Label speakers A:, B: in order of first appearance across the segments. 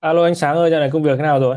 A: Alo anh Sáng ơi, dạo này công việc thế nào rồi?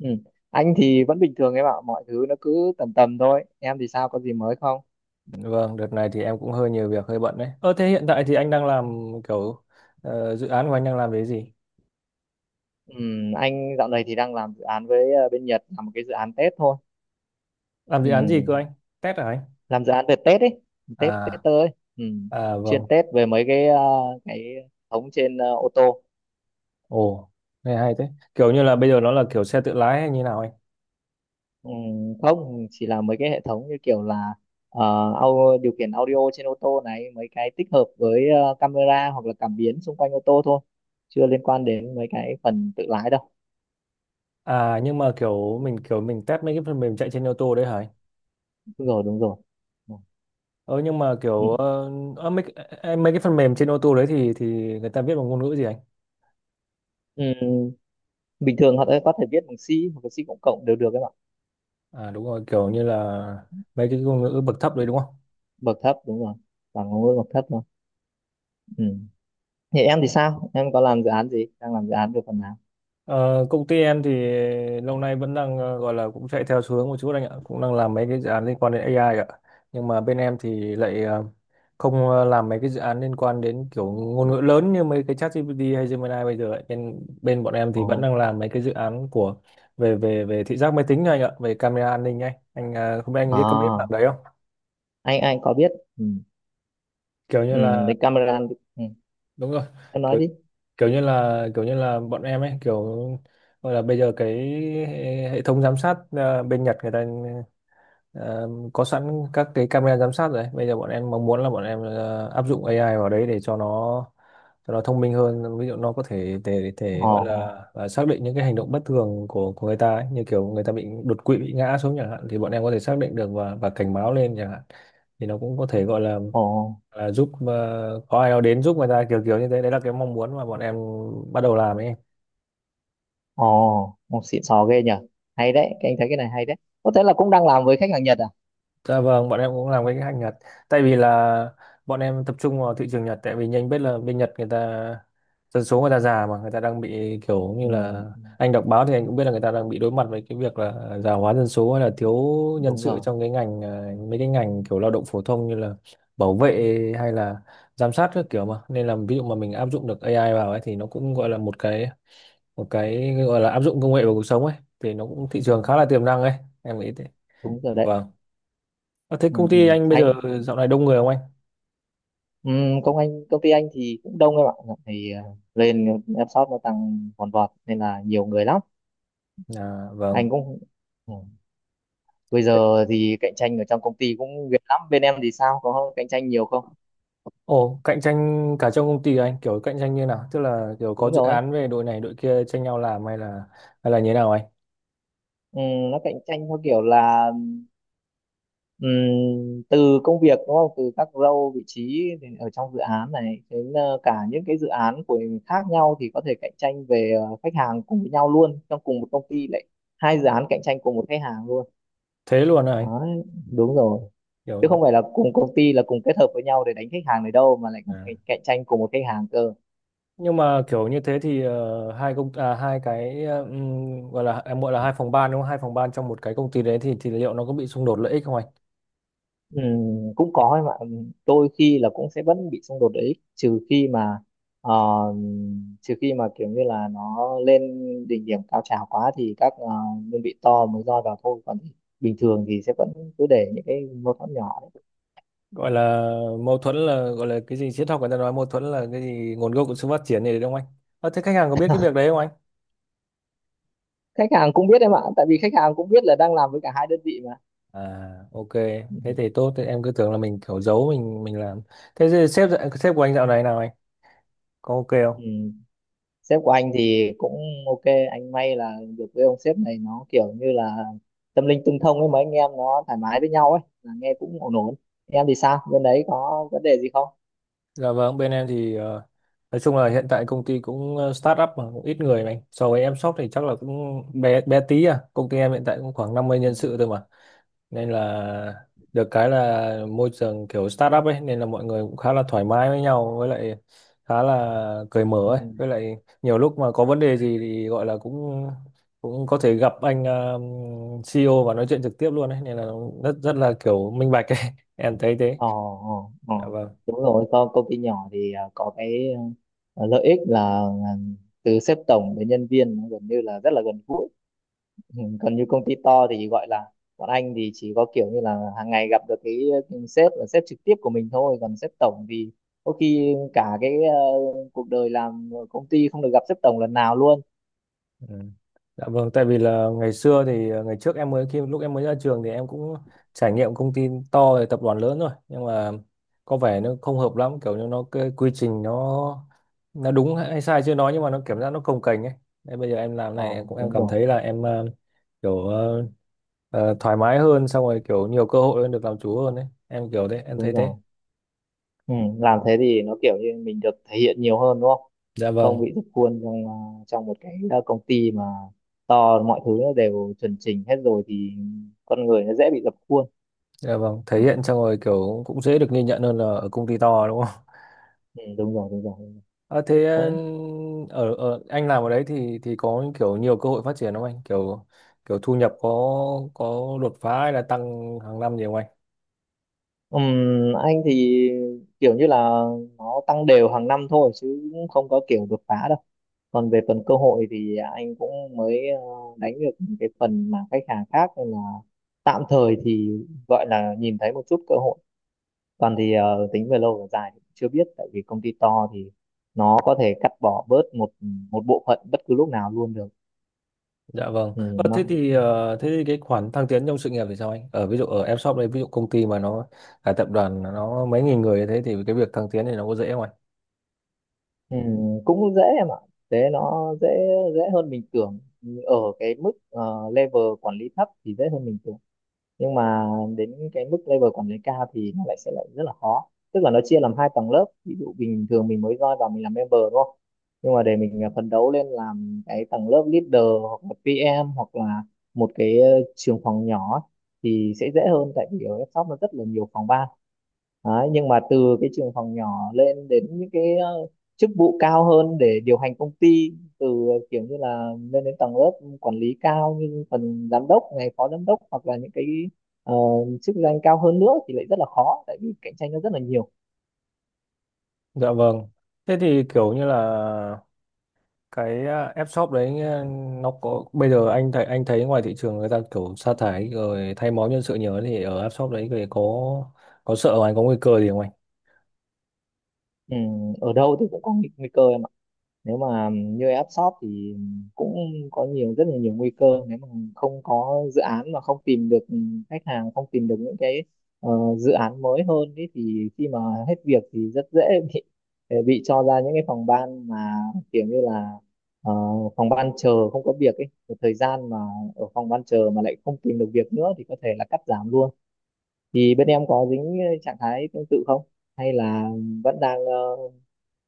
B: Ừ. Anh thì vẫn bình thường em ạ, mọi thứ nó cứ tầm tầm thôi. Em thì sao, có gì mới không?
A: Vâng, đợt này thì em cũng hơi nhiều việc, hơi bận đấy. Ơ thế hiện tại thì anh đang làm kiểu dự án của anh đang làm cái gì?
B: Ừ, anh dạo này thì đang làm dự án với bên Nhật, làm một cái dự án Tết thôi.
A: Làm dự
B: Ừ.
A: án gì cơ anh? Test hả anh?
B: Làm dự án về Tết ấy, Tết Tết
A: À,
B: tới. Ừ.
A: à
B: Chuyên
A: vâng.
B: Tết về mấy cái hệ thống trên ô tô.
A: Ồ, nghe hay thế. Kiểu như là bây giờ nó là kiểu xe tự lái hay như nào anh?
B: Ừ. Không, chỉ là mấy cái hệ thống như kiểu là ờ, điều khiển audio trên ô tô này, mấy cái tích hợp với camera hoặc là cảm biến xung quanh ô tô thôi. Chưa liên quan đến mấy cái phần tự lái đâu.
A: À nhưng mà kiểu mình test mấy cái phần mềm chạy trên ô tô đấy hả anh?
B: Đúng rồi, đúng rồi. Ừ.
A: Ờ nhưng mà
B: Ừ.
A: kiểu ờ, ờ, mấy, cái- em- Mấy cái phần mềm trên ô tô đấy thì người ta viết bằng ngôn ngữ gì anh?
B: Ừ. Bình thường họ có thể viết bằng C hoặc là C cộng cộng đều được các bạn
A: À đúng rồi, kiểu như là mấy cái ngôn ngữ bậc thấp đấy đúng không?
B: bậc thấp, đúng rồi, bằng ngôn ngữ bậc thấp thôi. Ừ. Thì em thì sao, em có làm dự án gì, đang làm dự án về phần nào?
A: Ờ, công ty em thì lâu nay vẫn đang gọi là cũng chạy theo xu hướng một chút anh ạ, cũng đang làm mấy cái dự án liên quan đến AI ạ. Nhưng mà bên em thì lại không làm mấy cái dự án liên quan đến kiểu ngôn ngữ lớn như mấy cái ChatGPT hay Gemini bây giờ ấy. Bên bên bọn em thì vẫn
B: Ồ.
A: đang làm mấy cái dự án của về về về thị giác máy tính thôi anh ạ, về camera an ninh ấy. Không biết anh có biết bạn
B: À,
A: đấy không?
B: anh có biết. Ừ.
A: Kiểu như
B: Ừ.
A: là
B: Đấy camera. Ừ.
A: đúng rồi.
B: Em nói đi.
A: Kiểu như là bọn em ấy kiểu gọi là bây giờ cái hệ hệ thống giám sát bên Nhật người ta ờ, có sẵn các cái camera giám sát rồi ấy. Bây giờ bọn em mong muốn là bọn em áp dụng AI vào đấy để cho nó thông minh hơn, ví dụ nó có thể thể thể
B: Ồ,
A: gọi là xác định những cái hành động bất thường của người ta ấy. Như kiểu người ta bị đột quỵ, bị ngã xuống chẳng hạn, thì bọn em có thể xác định được và cảnh báo lên chẳng hạn. Thì nó cũng có thể gọi là
B: ồ,
A: là giúp, có ai đó đến giúp người ta kiểu kiểu như thế, đấy là cái mong muốn mà bọn em bắt đầu làm ấy.
B: ồ, một xịn sò ghê nhở. Hay đấy, cái anh thấy cái này hay đấy, có thể là cũng đang làm với khách hàng Nhật à?
A: Dạ vâng, bọn em cũng làm cái hàng Nhật. Tại vì là bọn em tập trung vào thị trường Nhật, tại vì nhanh biết là bên Nhật người ta dân số người ta già mà người ta đang bị kiểu như
B: Ừ.
A: là,
B: Ừ,
A: anh đọc báo thì anh cũng biết là người ta đang bị đối mặt với cái việc là già hóa dân số hay là thiếu nhân
B: đúng
A: sự
B: rồi.
A: trong cái ngành mấy cái ngành kiểu lao động phổ thông như là bảo vệ hay là giám sát các kiểu mà. Nên là ví dụ mà mình áp dụng được AI vào ấy thì nó cũng gọi là một cái gọi là áp dụng công nghệ vào cuộc sống ấy, thì nó cũng thị
B: Ừ.
A: trường khá là tiềm năng ấy, em nghĩ thế.
B: Đúng rồi đấy.
A: Vâng. Ờ, thế
B: Ừ.
A: công
B: Ừ.
A: ty anh bây
B: Anh.
A: giờ dạo này đông người không anh?
B: Ừ, công ty anh thì cũng đông em ạ, thì lên em shop nó tăng vòn vọt nên là nhiều người lắm.
A: À, vâng.
B: Anh cũng. Ừ. Bây
A: Thế,
B: giờ thì cạnh tranh ở trong công ty cũng ghê lắm, bên em thì sao, có cạnh tranh nhiều không?
A: ồ, cạnh tranh cả trong công ty à anh, kiểu cạnh tranh như nào? Tức là kiểu có
B: Đúng
A: dự
B: rồi.
A: án về đội này đội kia tranh nhau làm hay là như thế nào anh?
B: ừ, nó cạnh tranh theo kiểu là ừ, từ công việc đúng không, từ các role vị trí thì ở trong dự án này, đến cả những cái dự án của khác nhau thì có thể cạnh tranh về khách hàng cùng với nhau luôn, trong cùng một công ty lại hai dự án cạnh tranh cùng một khách hàng luôn.
A: Thế luôn hả anh?
B: Đấy, đúng rồi, chứ
A: Kiểu
B: không phải là cùng công ty là cùng kết hợp với nhau để đánh khách hàng này đâu, mà lại còn
A: à,
B: cạnh cạnh tranh cùng một khách hàng cơ.
A: nhưng mà kiểu như thế thì ờ, hai công à, hai cái ờ, gọi là em gọi là hai phòng ban đúng không? Hai phòng ban trong một cái công ty đấy thì liệu nó có bị xung đột lợi ích không anh?
B: Cũng có ấy mà. Đôi khi là cũng sẽ vẫn bị xung đột lợi ích, ờ, trừ khi mà kiểu như là nó lên đỉnh điểm cao trào quá thì các đơn vị to mới roi vào thôi, còn bình thường thì sẽ vẫn cứ để những cái mâu thuẫn nhỏ đấy.
A: Gọi là mâu thuẫn là gọi là cái gì triết học, người ta nói mâu thuẫn là cái gì nguồn gốc của sự phát triển này đúng không anh? Ờ, thế khách hàng có biết cái việc đấy không anh?
B: Khách hàng cũng biết em ạ, tại vì khách hàng cũng biết là đang làm với cả hai đơn vị mà.
A: À, ok,
B: Ừ.
A: thế thì tốt, thế em cứ tưởng là mình kiểu giấu mình làm. Thế thì sếp của anh dạo này nào anh? Có ok không?
B: Ừ. Sếp của anh thì cũng ok, anh may là được với ông sếp này, nó kiểu như là tâm linh tương thông ấy, mấy anh em nó thoải mái với nhau ấy, là nghe cũng ổn ổn. Em thì sao, bên đấy có vấn đề gì không?
A: Dạ vâng, bên em thì nói chung là hiện tại công ty cũng start up mà cũng ít người mà anh. So với em shop thì chắc là cũng bé bé tí à. Công ty em hiện tại cũng khoảng 50
B: Ừ.
A: nhân sự thôi mà. Nên là được cái là môi trường kiểu startup ấy, nên là mọi người cũng khá là thoải mái với nhau, với lại khá là cởi mở
B: Ừ.
A: ấy, với lại nhiều lúc mà có vấn đề gì thì gọi là cũng cũng có thể gặp anh CEO và nói chuyện trực tiếp luôn ấy, nên là rất rất là kiểu minh bạch ấy em thấy thế.
B: Ờ, ờ, ờ.
A: Dạ vâng.
B: Đúng rồi, công ty nhỏ thì có cái lợi ích là à, từ sếp tổng đến nhân viên nó gần như là rất là gần gũi. Ừ, còn như công ty to thì gọi là bọn anh thì chỉ có kiểu như là hàng ngày gặp được cái sếp, là sếp trực tiếp của mình thôi, còn sếp tổng thì có khi cả cái cuộc đời làm ở công ty không được gặp sếp tổng lần nào luôn.
A: Ừ. Dạ vâng, tại vì là ngày xưa thì ngày trước em khi em mới ra trường thì em cũng trải nghiệm công ty to rồi, tập đoàn lớn rồi, nhưng mà có vẻ nó không hợp lắm, kiểu như nó cái quy trình nó đúng hay sai chưa nói, nhưng mà nó cảm giác nó cồng kềnh ấy. Nên bây giờ em làm
B: ờ
A: này em cũng em
B: Đúng
A: cảm
B: rồi,
A: thấy là em kiểu ờ, thoải mái hơn, xong rồi kiểu nhiều cơ hội hơn, được làm chủ hơn đấy. Em kiểu thế, em
B: đúng
A: thấy thế.
B: rồi. Ừ, làm thế thì nó kiểu như mình được thể hiện nhiều hơn đúng không,
A: Dạ
B: không
A: vâng,
B: bị rút khuôn trong một cái công ty mà to, mọi thứ nó đều chuẩn chỉnh hết rồi thì con người nó dễ bị dập khuôn.
A: dạ vâng, thể
B: Ừ,
A: hiện xong rồi kiểu cũng dễ được ghi nhận hơn là ở công ty to đúng không?
B: ừ, đúng rồi, đúng rồi, đúng
A: Ờ, thế ờ,
B: rồi.
A: Ở anh làm ở đấy thì có kiểu nhiều cơ hội phát triển không anh? Kiểu kiểu thu nhập có đột phá hay là tăng hàng năm gì không anh?
B: Ừm, anh thì kiểu như là nó tăng đều hàng năm thôi, chứ cũng không có kiểu đột phá đâu. Còn về phần cơ hội thì anh cũng mới đánh được cái phần mà khách hàng khác, nên là tạm thời thì gọi là nhìn thấy một chút cơ hội. Còn thì tính về lâu về dài thì chưa biết, tại vì công ty to thì nó có thể cắt bỏ bớt một một bộ phận bất cứ lúc nào luôn được.
A: Dạ vâng.
B: Ừ, nó.
A: Thế thì cái khoản thăng tiến trong sự nghiệp thì sao anh? Ở ví dụ ở em shop đấy, ví dụ công ty mà nó là tập đoàn nó mấy nghìn người như thế thì cái việc thăng tiến thì nó có dễ không anh?
B: Ừ, cũng dễ em ạ, thế nó dễ dễ hơn mình tưởng, ở cái mức level quản lý thấp thì dễ hơn mình tưởng, nhưng mà đến cái mức level quản lý cao thì nó lại sẽ lại rất là khó, tức là nó chia làm hai tầng lớp, ví dụ bình thường mình mới join vào mình làm member đúng không, nhưng mà để mình phấn đấu lên làm cái tầng lớp leader hoặc là PM hoặc là một cái trường phòng nhỏ ấy, thì sẽ dễ hơn, tại vì ở shop nó rất là nhiều phòng ban. Đấy, nhưng mà từ cái trường phòng nhỏ lên đến những cái chức vụ cao hơn để điều hành công ty, từ kiểu như là lên đến tầng lớp quản lý cao như phần giám đốc này, phó giám đốc, hoặc là những cái Ờ, chức danh cao hơn nữa thì lại rất là khó, tại vì cạnh tranh nó rất là nhiều.
A: Dạ vâng. Thế thì kiểu như là cái à, app shop đấy à, nó có bây giờ anh thấy ngoài thị trường người ta kiểu sa thải rồi thay máu nhân sự nhiều ấy, thì ở app shop đấy thì có sợ không? Anh có nguy cơ gì không anh?
B: Ở đâu thì cũng có nguy cơ em ạ, nếu mà như app shop thì cũng có nhiều rất là nhiều nguy cơ, nếu mà không có dự án, mà không tìm được khách hàng, không tìm được những cái ờ, dự án mới hơn ý, thì khi mà hết việc thì rất dễ bị bị cho ra những cái phòng ban mà kiểu như là ờ, phòng ban chờ không có việc ấy một thời gian, mà ở phòng ban chờ mà lại không tìm được việc nữa thì có thể là cắt giảm luôn. Thì bên em có dính trạng thái tương tự không, hay là vẫn đang ờ,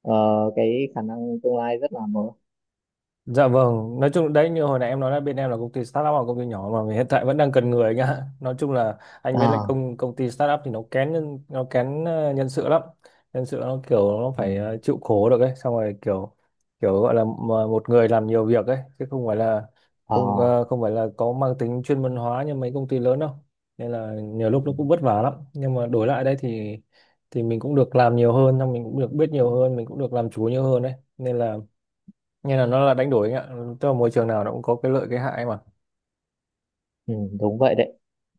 B: ờ, cái khả năng tương lai rất là mờ.
A: Dạ vâng, nói chung đấy như hồi nãy em nói là bên em là công ty startup hoặc công ty nhỏ mà hiện tại vẫn đang cần người anh ạ. Nói chung là anh với lại
B: À,
A: công công ty startup thì nó kén nhân nó kén nhân sự lắm. Nhân sự nó kiểu nó
B: ừ,
A: phải chịu khổ được ấy, xong rồi kiểu kiểu gọi là mà một người làm nhiều việc ấy, chứ không phải là
B: ờ,
A: không không phải là có mang tính chuyên môn hóa như mấy công ty lớn đâu. Nên là nhiều
B: ừ,
A: lúc nó cũng vất vả lắm, nhưng mà đổi lại đây thì mình cũng được làm nhiều hơn, xong mình cũng được biết nhiều hơn, mình cũng được làm chủ nhiều hơn đấy. Nên là như là nó là đánh đổi anh ạ, tức là môi trường nào nó cũng có cái lợi cái hại mà.
B: ừ, đúng vậy đấy.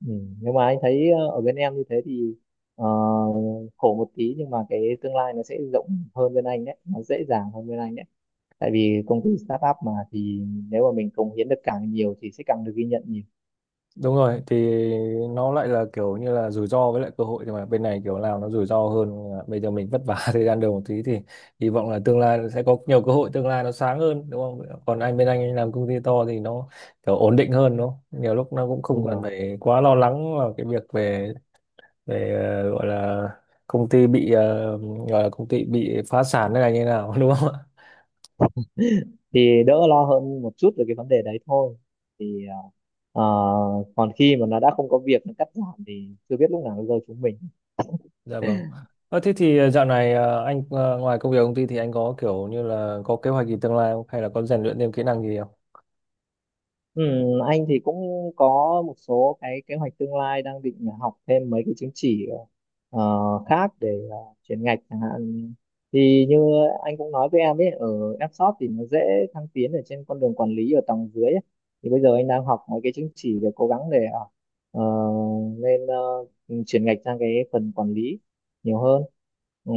B: Ừ, nhưng mà anh thấy ở bên em như thế thì ờ, khổ một tí nhưng mà cái tương lai nó sẽ rộng hơn bên anh đấy, nó dễ dàng hơn bên anh đấy, tại vì công ty startup mà, thì nếu mà mình cống hiến được càng nhiều thì sẽ càng được ghi nhận nhiều.
A: Đúng rồi, thì nó lại là kiểu như là rủi ro với lại cơ hội, nhưng mà bên này kiểu nào nó rủi ro hơn. À, bây giờ mình vất vả thời gian đầu một tí thì hy vọng là tương lai sẽ có nhiều cơ hội, tương lai nó sáng hơn đúng không? Còn anh bên anh làm công ty to thì nó kiểu ổn định hơn đúng không? Nhiều lúc nó cũng không
B: Đúng
A: cần
B: rồi.
A: phải quá lo lắng vào cái việc về về ờ, gọi là công ty bị ờ, gọi là công ty bị phá sản hay là như nào đúng không?
B: Thì đỡ lo hơn một chút về cái vấn đề đấy thôi, thì ờ, còn khi mà nó đã không có việc nó cắt giảm thì chưa biết lúc nào nó rơi chúng mình.
A: Dạ vâng. Ờ, thế thì ờ, dạo này ờ, anh ờ, ngoài công việc công ty thì anh có kiểu như là có kế hoạch gì tương lai không? Hay là có rèn luyện thêm kỹ năng gì không?
B: Ừ, anh thì cũng có một số cái kế hoạch tương lai, đang định là học thêm mấy cái chứng chỉ ờ, khác, để chuyển ngạch chẳng hạn, thì như anh cũng nói với em ấy, ở Fshop thì nó dễ thăng tiến ở trên con đường quản lý ở tầng dưới ấy. Thì bây giờ anh đang học mấy cái chứng chỉ để cố gắng để ờ, lên chuyển ngạch sang cái phần quản lý nhiều hơn. Ừ,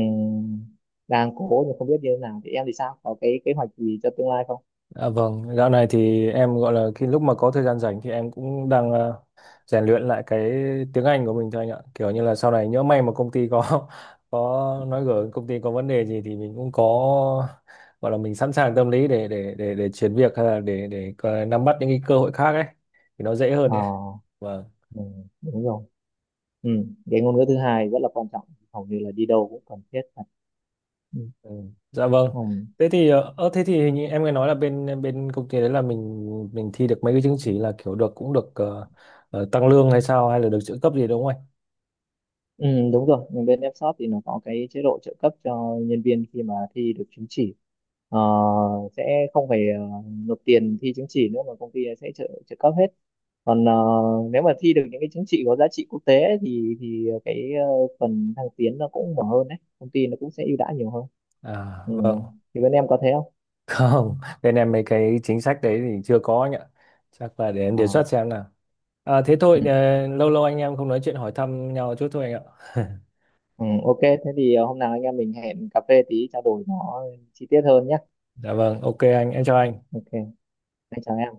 B: đang cố nhưng không biết như thế nào, thì em thì sao, có cái kế hoạch gì cho tương lai không?
A: À, vâng, dạo này thì em gọi là khi mà có thời gian rảnh thì em cũng đang rèn luyện lại cái tiếng Anh của mình thôi anh ạ. Kiểu như là sau này nhỡ may mà công ty có có nói gở công ty có vấn đề gì thì mình cũng có gọi là mình sẵn sàng tâm lý để chuyển việc hay là để nắm bắt những cái cơ hội khác ấy thì nó dễ hơn
B: Ờ,
A: ấy. Vâng.
B: ừ, đúng rồi. Ừ. Cái ngôn ngữ thứ hai rất là quan trọng, hầu như là đi đâu cũng cần thiết cả. Ừ.
A: Ừ. Dạ vâng.
B: Ừ.
A: Thế thì hình như em nghe nói là bên bên công ty đấy là mình thi được mấy cái chứng chỉ là kiểu được cũng được ờ, ờ, tăng lương hay sao hay là được trợ cấp gì đúng không anh?
B: Ừ, đúng rồi, nhưng bên Fshop thì nó có cái chế độ trợ cấp cho nhân viên khi mà thi được chứng chỉ, Ờ, sẽ không phải nộp tiền thi chứng chỉ nữa mà công ty sẽ trợ trợ cấp hết, còn nếu mà thi được những cái chứng chỉ có giá trị quốc tế ấy, thì cái phần thăng tiến nó cũng mở hơn đấy, công ty nó cũng sẽ ưu đãi nhiều hơn.
A: À
B: Ừ.
A: vâng.
B: Thì bên em có thế không?
A: Không, bên em mấy cái chính sách đấy thì chưa có anh ạ. Chắc là để em đề xuất xem nào. À thế thôi
B: Ờ.
A: lâu lâu anh em không nói chuyện hỏi thăm nhau chút thôi anh ạ.
B: Ừ, ok, thế thì hôm nào anh em mình hẹn cà phê tí trao đổi nó chi tiết hơn nhé.
A: Dạ vâng, ok anh, em chào anh.
B: Ok, anh chào em.